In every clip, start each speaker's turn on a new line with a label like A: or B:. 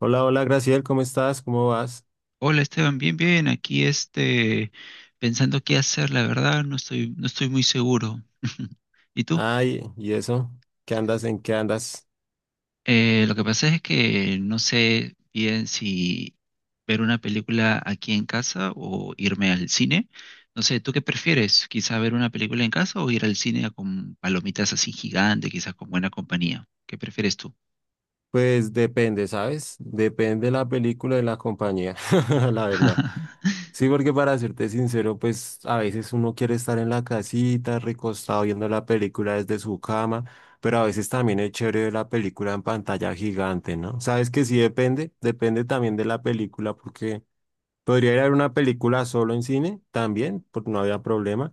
A: Hola, hola, Graciel, ¿cómo estás? ¿Cómo vas?
B: Hola Esteban, bien, bien, aquí pensando qué hacer, la verdad, no estoy muy seguro. ¿Y tú?
A: Ay, ¿y eso? ¿Qué andas? ¿En qué andas?
B: Lo que pasa es que no sé bien si ver una película aquí en casa o irme al cine. No sé, ¿tú qué prefieres? ¿Quizá ver una película en casa o ir al cine con palomitas así gigantes, quizás con buena compañía? ¿Qué prefieres tú?
A: Pues depende, ¿sabes? Depende la película de la compañía, la verdad. Sí, porque para serte sincero, pues a veces uno quiere estar en la casita, recostado viendo la película desde su cama, pero a veces también es chévere ver la película en pantalla gigante, ¿no? ¿Sabes que sí depende? Depende también de la película, porque podría ir a ver una película solo en cine también, porque no había problema.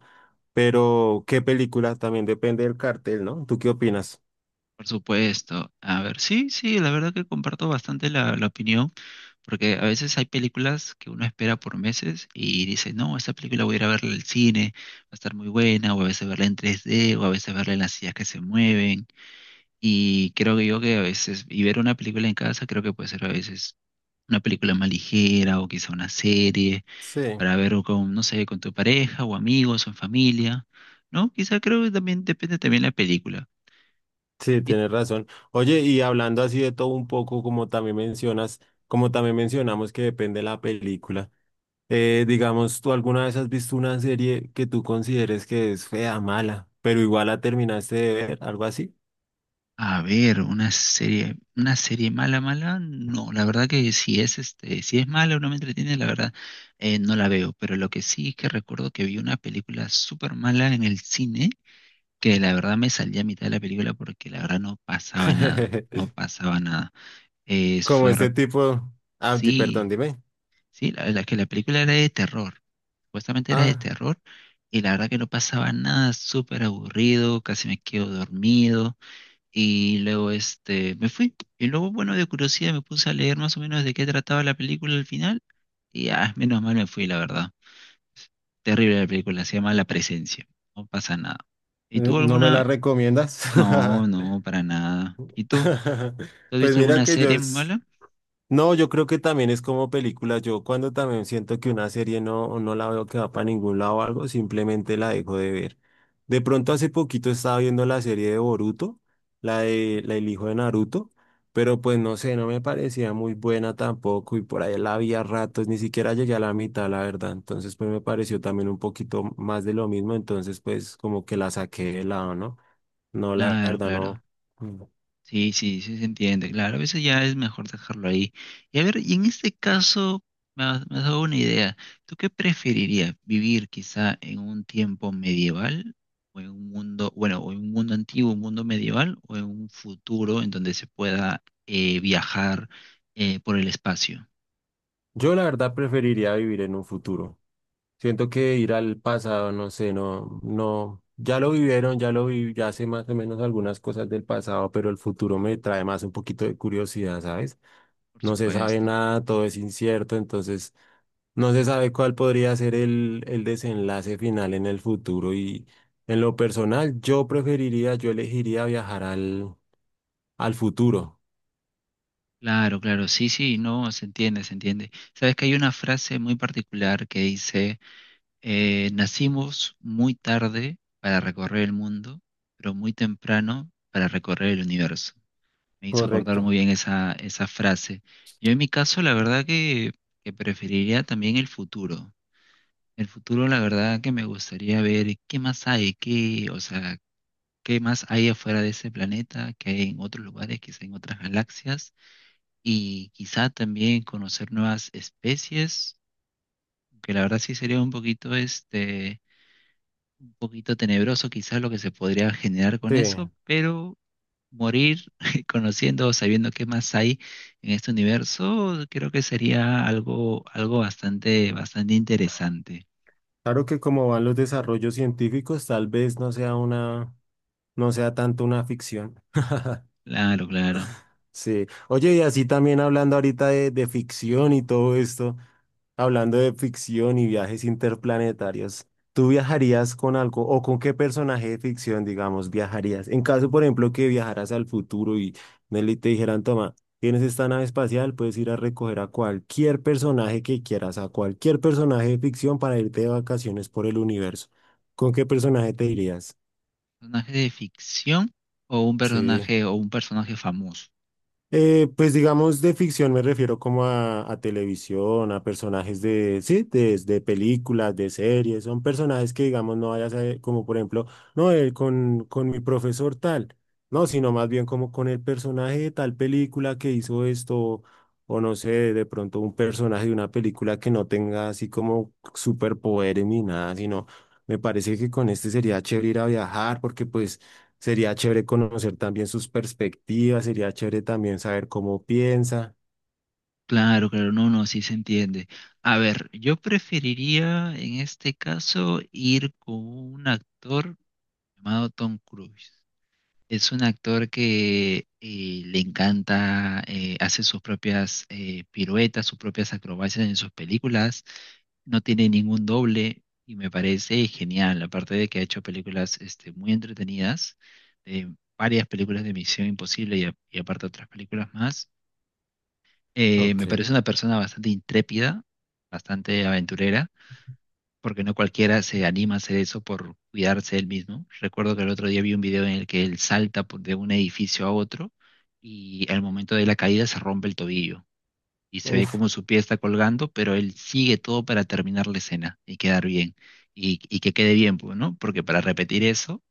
A: Pero, ¿qué película? También depende del cartel, ¿no? ¿Tú qué opinas?
B: Por supuesto. A ver, sí, sí, la verdad que comparto bastante la opinión. Porque a veces hay películas que uno espera por meses y dice, no, esta película voy a ir a verla al cine, va a estar muy buena, o a veces verla en 3D, o a veces verla en las sillas que se mueven. Y creo que yo que a veces, y ver una película en casa creo que puede ser a veces una película más ligera o quizá una serie
A: Sí.
B: para ver o con, no sé, con tu pareja o amigos o en familia, ¿no? Quizá creo que también depende también la película.
A: Sí, tienes razón. Oye, y hablando así de todo un poco, como también mencionas, como también mencionamos que depende la película, digamos, ¿tú alguna vez has visto una serie que tú consideres que es fea, mala, pero igual la terminaste de ver, algo así?
B: A ver, una serie mala, mala, no, la verdad que si es si es mala o no me entretiene, la verdad, no la veo. Pero lo que sí es que recuerdo que vi una película súper mala en el cine, que la verdad me salí a mitad de la película porque la verdad no pasaba nada, no pasaba nada. Eh,
A: Como
B: fue,
A: este
B: recu-
A: tipo, ah,
B: sí,
A: perdón, dime.
B: sí, la que la película era de terror, supuestamente era de
A: Ah,
B: terror, y la verdad que no pasaba nada, súper aburrido, casi me quedo dormido. Y luego me fui. Y luego, bueno, de curiosidad me puse a leer más o menos de qué trataba la película al final. Y ah, menos mal me fui, la verdad. Terrible la película, se llama La Presencia. No pasa nada. ¿Y tú
A: ¿no me la
B: alguna?
A: recomiendas?
B: No, no, para nada. ¿Y tú? ¿Tú has
A: Pues
B: visto
A: mira
B: alguna
A: que yo
B: serie muy
A: es...
B: mala?
A: No, yo creo que también es como película. Yo cuando también siento que una serie no la veo que va para ningún lado o algo, simplemente la dejo de ver. De pronto hace poquito estaba viendo la serie de Boruto, la de la del hijo de Naruto, pero pues no sé, no me parecía muy buena tampoco y por ahí la vi a ratos, ni siquiera llegué a la mitad, la verdad. Entonces pues me pareció también un poquito más de lo mismo, entonces pues como que la saqué de lado, ¿no? No, la
B: Claro,
A: verdad no.
B: claro.
A: Mm.
B: Sí, sí, sí se entiende. Claro, a veces ya es mejor dejarlo ahí. Y a ver, y en este caso me has dado una idea. ¿Tú qué preferirías? ¿Vivir quizá en un tiempo medieval o en un mundo, bueno, o en un mundo antiguo, un mundo medieval o en un futuro en donde se pueda viajar por el espacio?
A: Yo la verdad preferiría vivir en un futuro. Siento que ir al pasado, no sé, no, no, ya lo vivieron, ya lo vi, ya sé más o menos algunas cosas del pasado, pero el futuro me trae más un poquito de curiosidad, ¿sabes?
B: Por
A: No se sabe
B: supuesto.
A: nada, todo es incierto, entonces no se sabe cuál podría ser el desenlace final en el futuro y en lo personal yo preferiría, yo elegiría viajar al futuro.
B: Claro, claro, sí, sí, no, se entiende, se entiende. Sabes que hay una frase muy particular que dice nacimos muy tarde para recorrer el mundo, pero muy temprano para recorrer el universo. Me hizo acordar
A: Correcto.
B: muy bien esa frase. Yo en mi caso, la verdad que preferiría también el futuro. El futuro, la verdad que me gustaría ver qué más hay, qué, o sea, qué más hay afuera de ese planeta, qué hay en otros lugares, quizá en otras galaxias, y quizá también conocer nuevas especies, que la verdad sí sería un poquito un poquito tenebroso quizás lo que se podría generar con
A: Sí,
B: eso, pero morir conociendo o sabiendo qué más hay en este universo, creo que sería algo, algo bastante, bastante interesante.
A: claro que como van los desarrollos científicos, tal vez no sea una, no sea tanto una ficción.
B: Claro, claro.
A: Sí. Oye, y así también hablando ahorita de ficción y todo esto, hablando de ficción y viajes interplanetarios, ¿tú viajarías con algo o con qué personaje de ficción, digamos, viajarías? En caso, por ejemplo, que viajaras al futuro y Nelly te dijeran, toma, tienes esta nave espacial, puedes ir a recoger a cualquier personaje que quieras, a cualquier personaje de ficción para irte de vacaciones por el universo. ¿Con qué personaje te irías?
B: ¿Personaje de ficción o un
A: Sí.
B: personaje famoso?
A: Pues digamos de ficción me refiero como a televisión, a personajes de, sí, de películas, de series, son personajes que digamos no vayas a, como por ejemplo, no, con mi profesor tal, no, sino más bien como con el personaje de tal película que hizo esto, o no sé, de pronto un personaje de una película que no tenga así como superpoderes ni nada, sino me parece que con este sería chévere ir a viajar porque pues... Sería chévere conocer también sus perspectivas, sería chévere también saber cómo piensa.
B: Claro, claro, no, no, sí se entiende. A ver, yo preferiría en este caso ir con un actor llamado Tom Cruise. Es un actor que le encanta, hace sus propias piruetas, sus propias acrobacias en sus películas, no tiene ningún doble y me parece genial, aparte de que ha hecho películas muy entretenidas, eh, varias películas de Misión Imposible y aparte otras películas más.
A: Ok,
B: Me parece una persona bastante intrépida, bastante aventurera porque no cualquiera se anima a hacer eso por cuidarse él mismo. Recuerdo que el otro día vi un video en el que él de un edificio a otro y al momento de la caída se rompe el tobillo y se ve
A: uf,
B: como su pie está colgando, pero él sigue todo para terminar la escena y quedar bien y que quede bien, pues, ¿no? Porque para repetir eso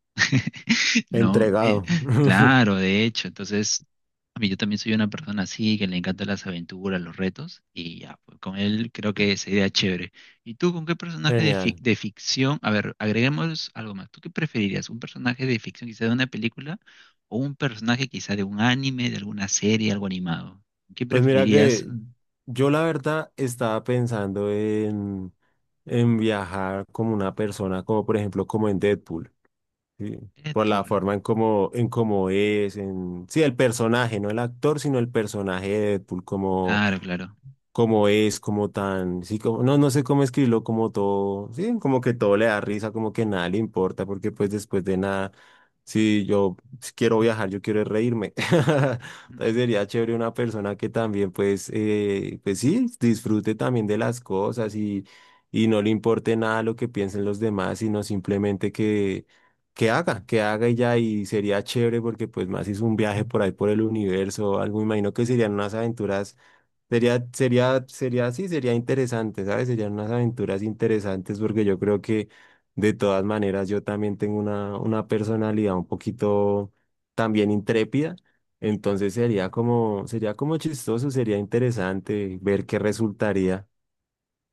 B: no,
A: entregado.
B: claro, de hecho, entonces, a mí yo también soy una persona así, que le encantan las aventuras, los retos, y ya, pues, con él creo que sería chévere. ¿Y tú con qué
A: Genial.
B: de ficción? A ver, agreguemos algo más. ¿Tú qué preferirías? ¿Un personaje de ficción quizá de una película o un personaje quizá de un anime, de alguna serie, algo animado? ¿Qué
A: Pues mira
B: preferirías?
A: que yo la verdad estaba pensando en viajar como una persona, como por ejemplo como en Deadpool, ¿sí? Por la
B: Deadpool
A: forma en cómo es, en, sí, el personaje, no el actor, sino el personaje de Deadpool, como...
B: claro, claro.
A: como es, como tan, sí, como, no sé cómo escribirlo, como todo, sí, como que todo le da risa, como que nada le importa, porque pues después de nada, si yo si quiero viajar, yo quiero es reírme.
B: Mm,
A: Entonces
B: mm.
A: sería chévere una persona que también pues, pues sí, disfrute también de las cosas y no le importe nada lo que piensen los demás, sino simplemente que haga y ya, y sería chévere porque pues más hizo un viaje por ahí por el universo, algo, me imagino que serían unas aventuras. Sería, así sería interesante, ¿sabes? Serían unas aventuras interesantes porque yo creo que de todas maneras yo también tengo una personalidad un poquito también intrépida, entonces sería como chistoso, sería interesante ver qué resultaría.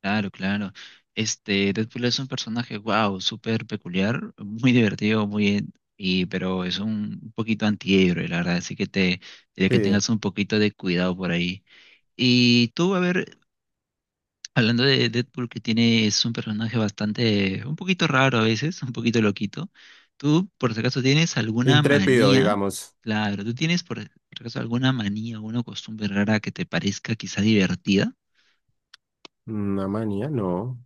B: Claro, claro. Deadpool es un personaje, wow, súper peculiar, muy divertido, muy, pero es un poquito antihéroe, la verdad, así que te diría que
A: Sí,
B: tengas un poquito de cuidado por ahí. Y tú, a ver, hablando de Deadpool, que tiene, es un personaje bastante, un poquito raro a veces, un poquito loquito. ¿Tú, por si acaso, tienes alguna
A: intrépido,
B: manía?
A: digamos.
B: Claro, ¿tú tienes, por si acaso, alguna manía o una costumbre rara que te parezca quizá divertida?
A: Una manía, no.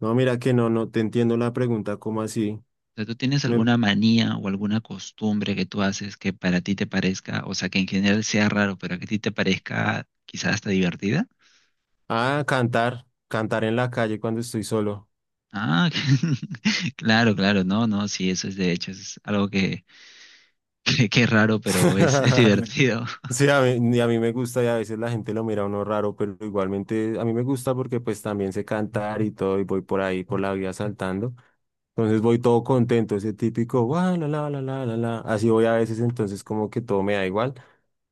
A: No, mira que no te entiendo la pregunta, ¿cómo así?
B: Sea, ¿tú tienes
A: Me-
B: alguna manía o alguna costumbre que tú haces que para ti te parezca, o sea, que en general sea raro, pero que a ti te parezca quizás hasta divertida?
A: Ah, cantar, cantar en la calle cuando estoy solo.
B: Ah, claro, claro, no, no, sí, eso es de hecho, es algo que es raro, pero es divertido.
A: Sí, a mí, a mí me gusta y a veces la gente lo mira a uno raro, pero igualmente a mí me gusta porque pues también sé cantar y todo y voy por ahí por la vida saltando. Entonces voy todo contento, ese típico, "Guau, la, la, la, la, la, la". Así voy a veces, entonces como que todo me da igual.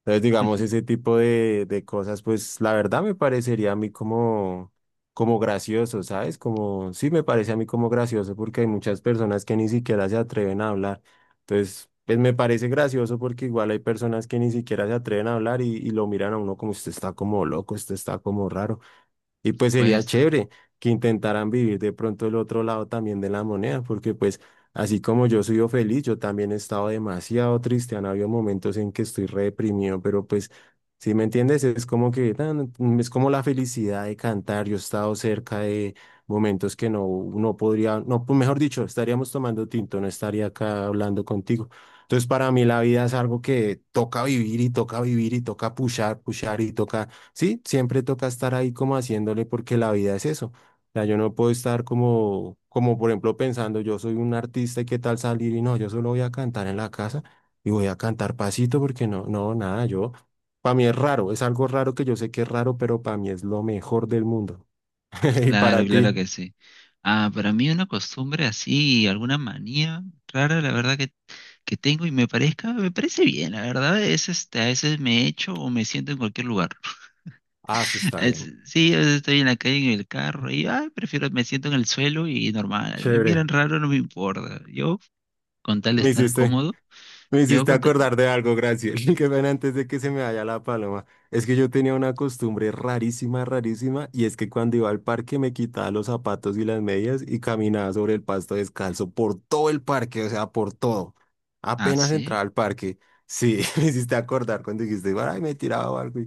A: Entonces, digamos, ese tipo de cosas, pues la verdad me parecería a mí como, como gracioso, ¿sabes? Como, sí me parece a mí como gracioso porque hay muchas personas que ni siquiera se atreven a hablar. Entonces, pues me parece gracioso porque igual hay personas que ni siquiera se atreven a hablar y lo miran a uno como usted está como loco, usted está como raro. Y
B: Por
A: pues sería
B: supuesto,
A: chévere que intentaran vivir de pronto el otro lado también de la moneda, porque pues así como yo soy feliz, yo también he estado demasiado triste, han habido momentos en que estoy re deprimido, pero pues, si me entiendes, es como que es como la felicidad de cantar, yo he estado cerca de momentos que no podría, no, pues, mejor dicho, estaríamos tomando tinto, no estaría acá hablando contigo. Entonces para mí la vida es algo que toca vivir y toca vivir y toca pushar, pushar y toca. Sí, siempre toca estar ahí como haciéndole porque la vida es eso. O sea, yo no puedo estar como, como por ejemplo pensando, yo soy un artista y qué tal salir y no, yo solo voy a cantar en la casa y voy a cantar pasito porque nada, yo, para mí es raro, es algo raro que yo sé que es raro, pero para mí es lo mejor del mundo. Y
B: claro,
A: para ti,
B: claro que sí. Ah, para mí una costumbre así, alguna manía rara, la verdad que tengo y me parezca, me parece bien, la verdad, es a veces me echo o me siento en cualquier lugar.
A: ah, eso está bien.
B: Sí, a veces estoy en la calle en el carro y ay, prefiero, me siento en el suelo y normal. Me
A: Chévere.
B: miran raro, no me importa. Yo, con tal de
A: Me
B: estar
A: hiciste.
B: cómodo,
A: Me
B: yo
A: hiciste
B: con tal...
A: acordar de algo, gracias. Qué pena antes de que se me vaya la paloma. Es que yo tenía una costumbre rarísima, rarísima, y es que cuando iba al parque me quitaba los zapatos y las medias y caminaba sobre el pasto descalzo por todo el parque, o sea, por todo.
B: Ah,
A: Apenas
B: sí.
A: entraba al parque, sí, me hiciste acordar cuando dijiste, ay, me tiraba algo. Y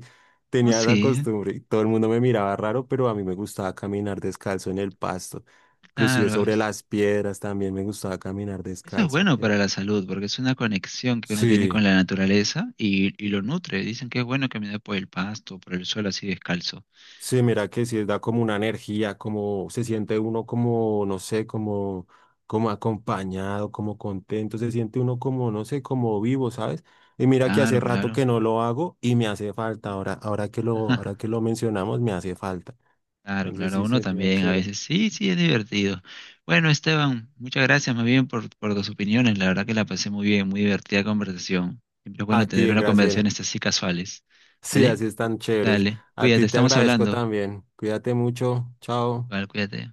B: No,
A: tenía esa
B: sí,
A: costumbre y todo el mundo me miraba raro, pero a mí me gustaba caminar descalzo en el pasto. Inclusive
B: claro.
A: sobre las piedras también me gustaba caminar
B: Eso es
A: descalzo.
B: bueno
A: Sí.
B: para la salud porque es una conexión que uno tiene con
A: Sí.
B: la naturaleza y lo nutre. Dicen que es bueno caminar por el pasto, por el suelo así descalzo.
A: Sí, mira que sí da como una energía, como se siente uno como, no sé, como, como acompañado, como contento, se siente uno como, no sé, como vivo, ¿sabes? Y mira que
B: Claro,
A: hace rato
B: claro.
A: que no lo hago y me hace falta, ahora, ahora que lo mencionamos, me hace falta.
B: Claro,
A: Entonces
B: claro,
A: sí
B: uno
A: sería
B: también a
A: chévere.
B: veces. Sí, sí, es divertido. Bueno, Esteban, muchas gracias más bien por tus opiniones. La verdad que la pasé muy bien, muy divertida conversación. Siempre es
A: A
B: bueno tener
A: ti,
B: una conversación
A: Graciel.
B: estas así casuales.
A: Sí,
B: Dale,
A: así están chéveres.
B: dale,
A: A ti
B: cuídate,
A: te
B: estamos
A: agradezco
B: hablando.
A: también. Cuídate mucho. Chao.
B: Vale, cuídate.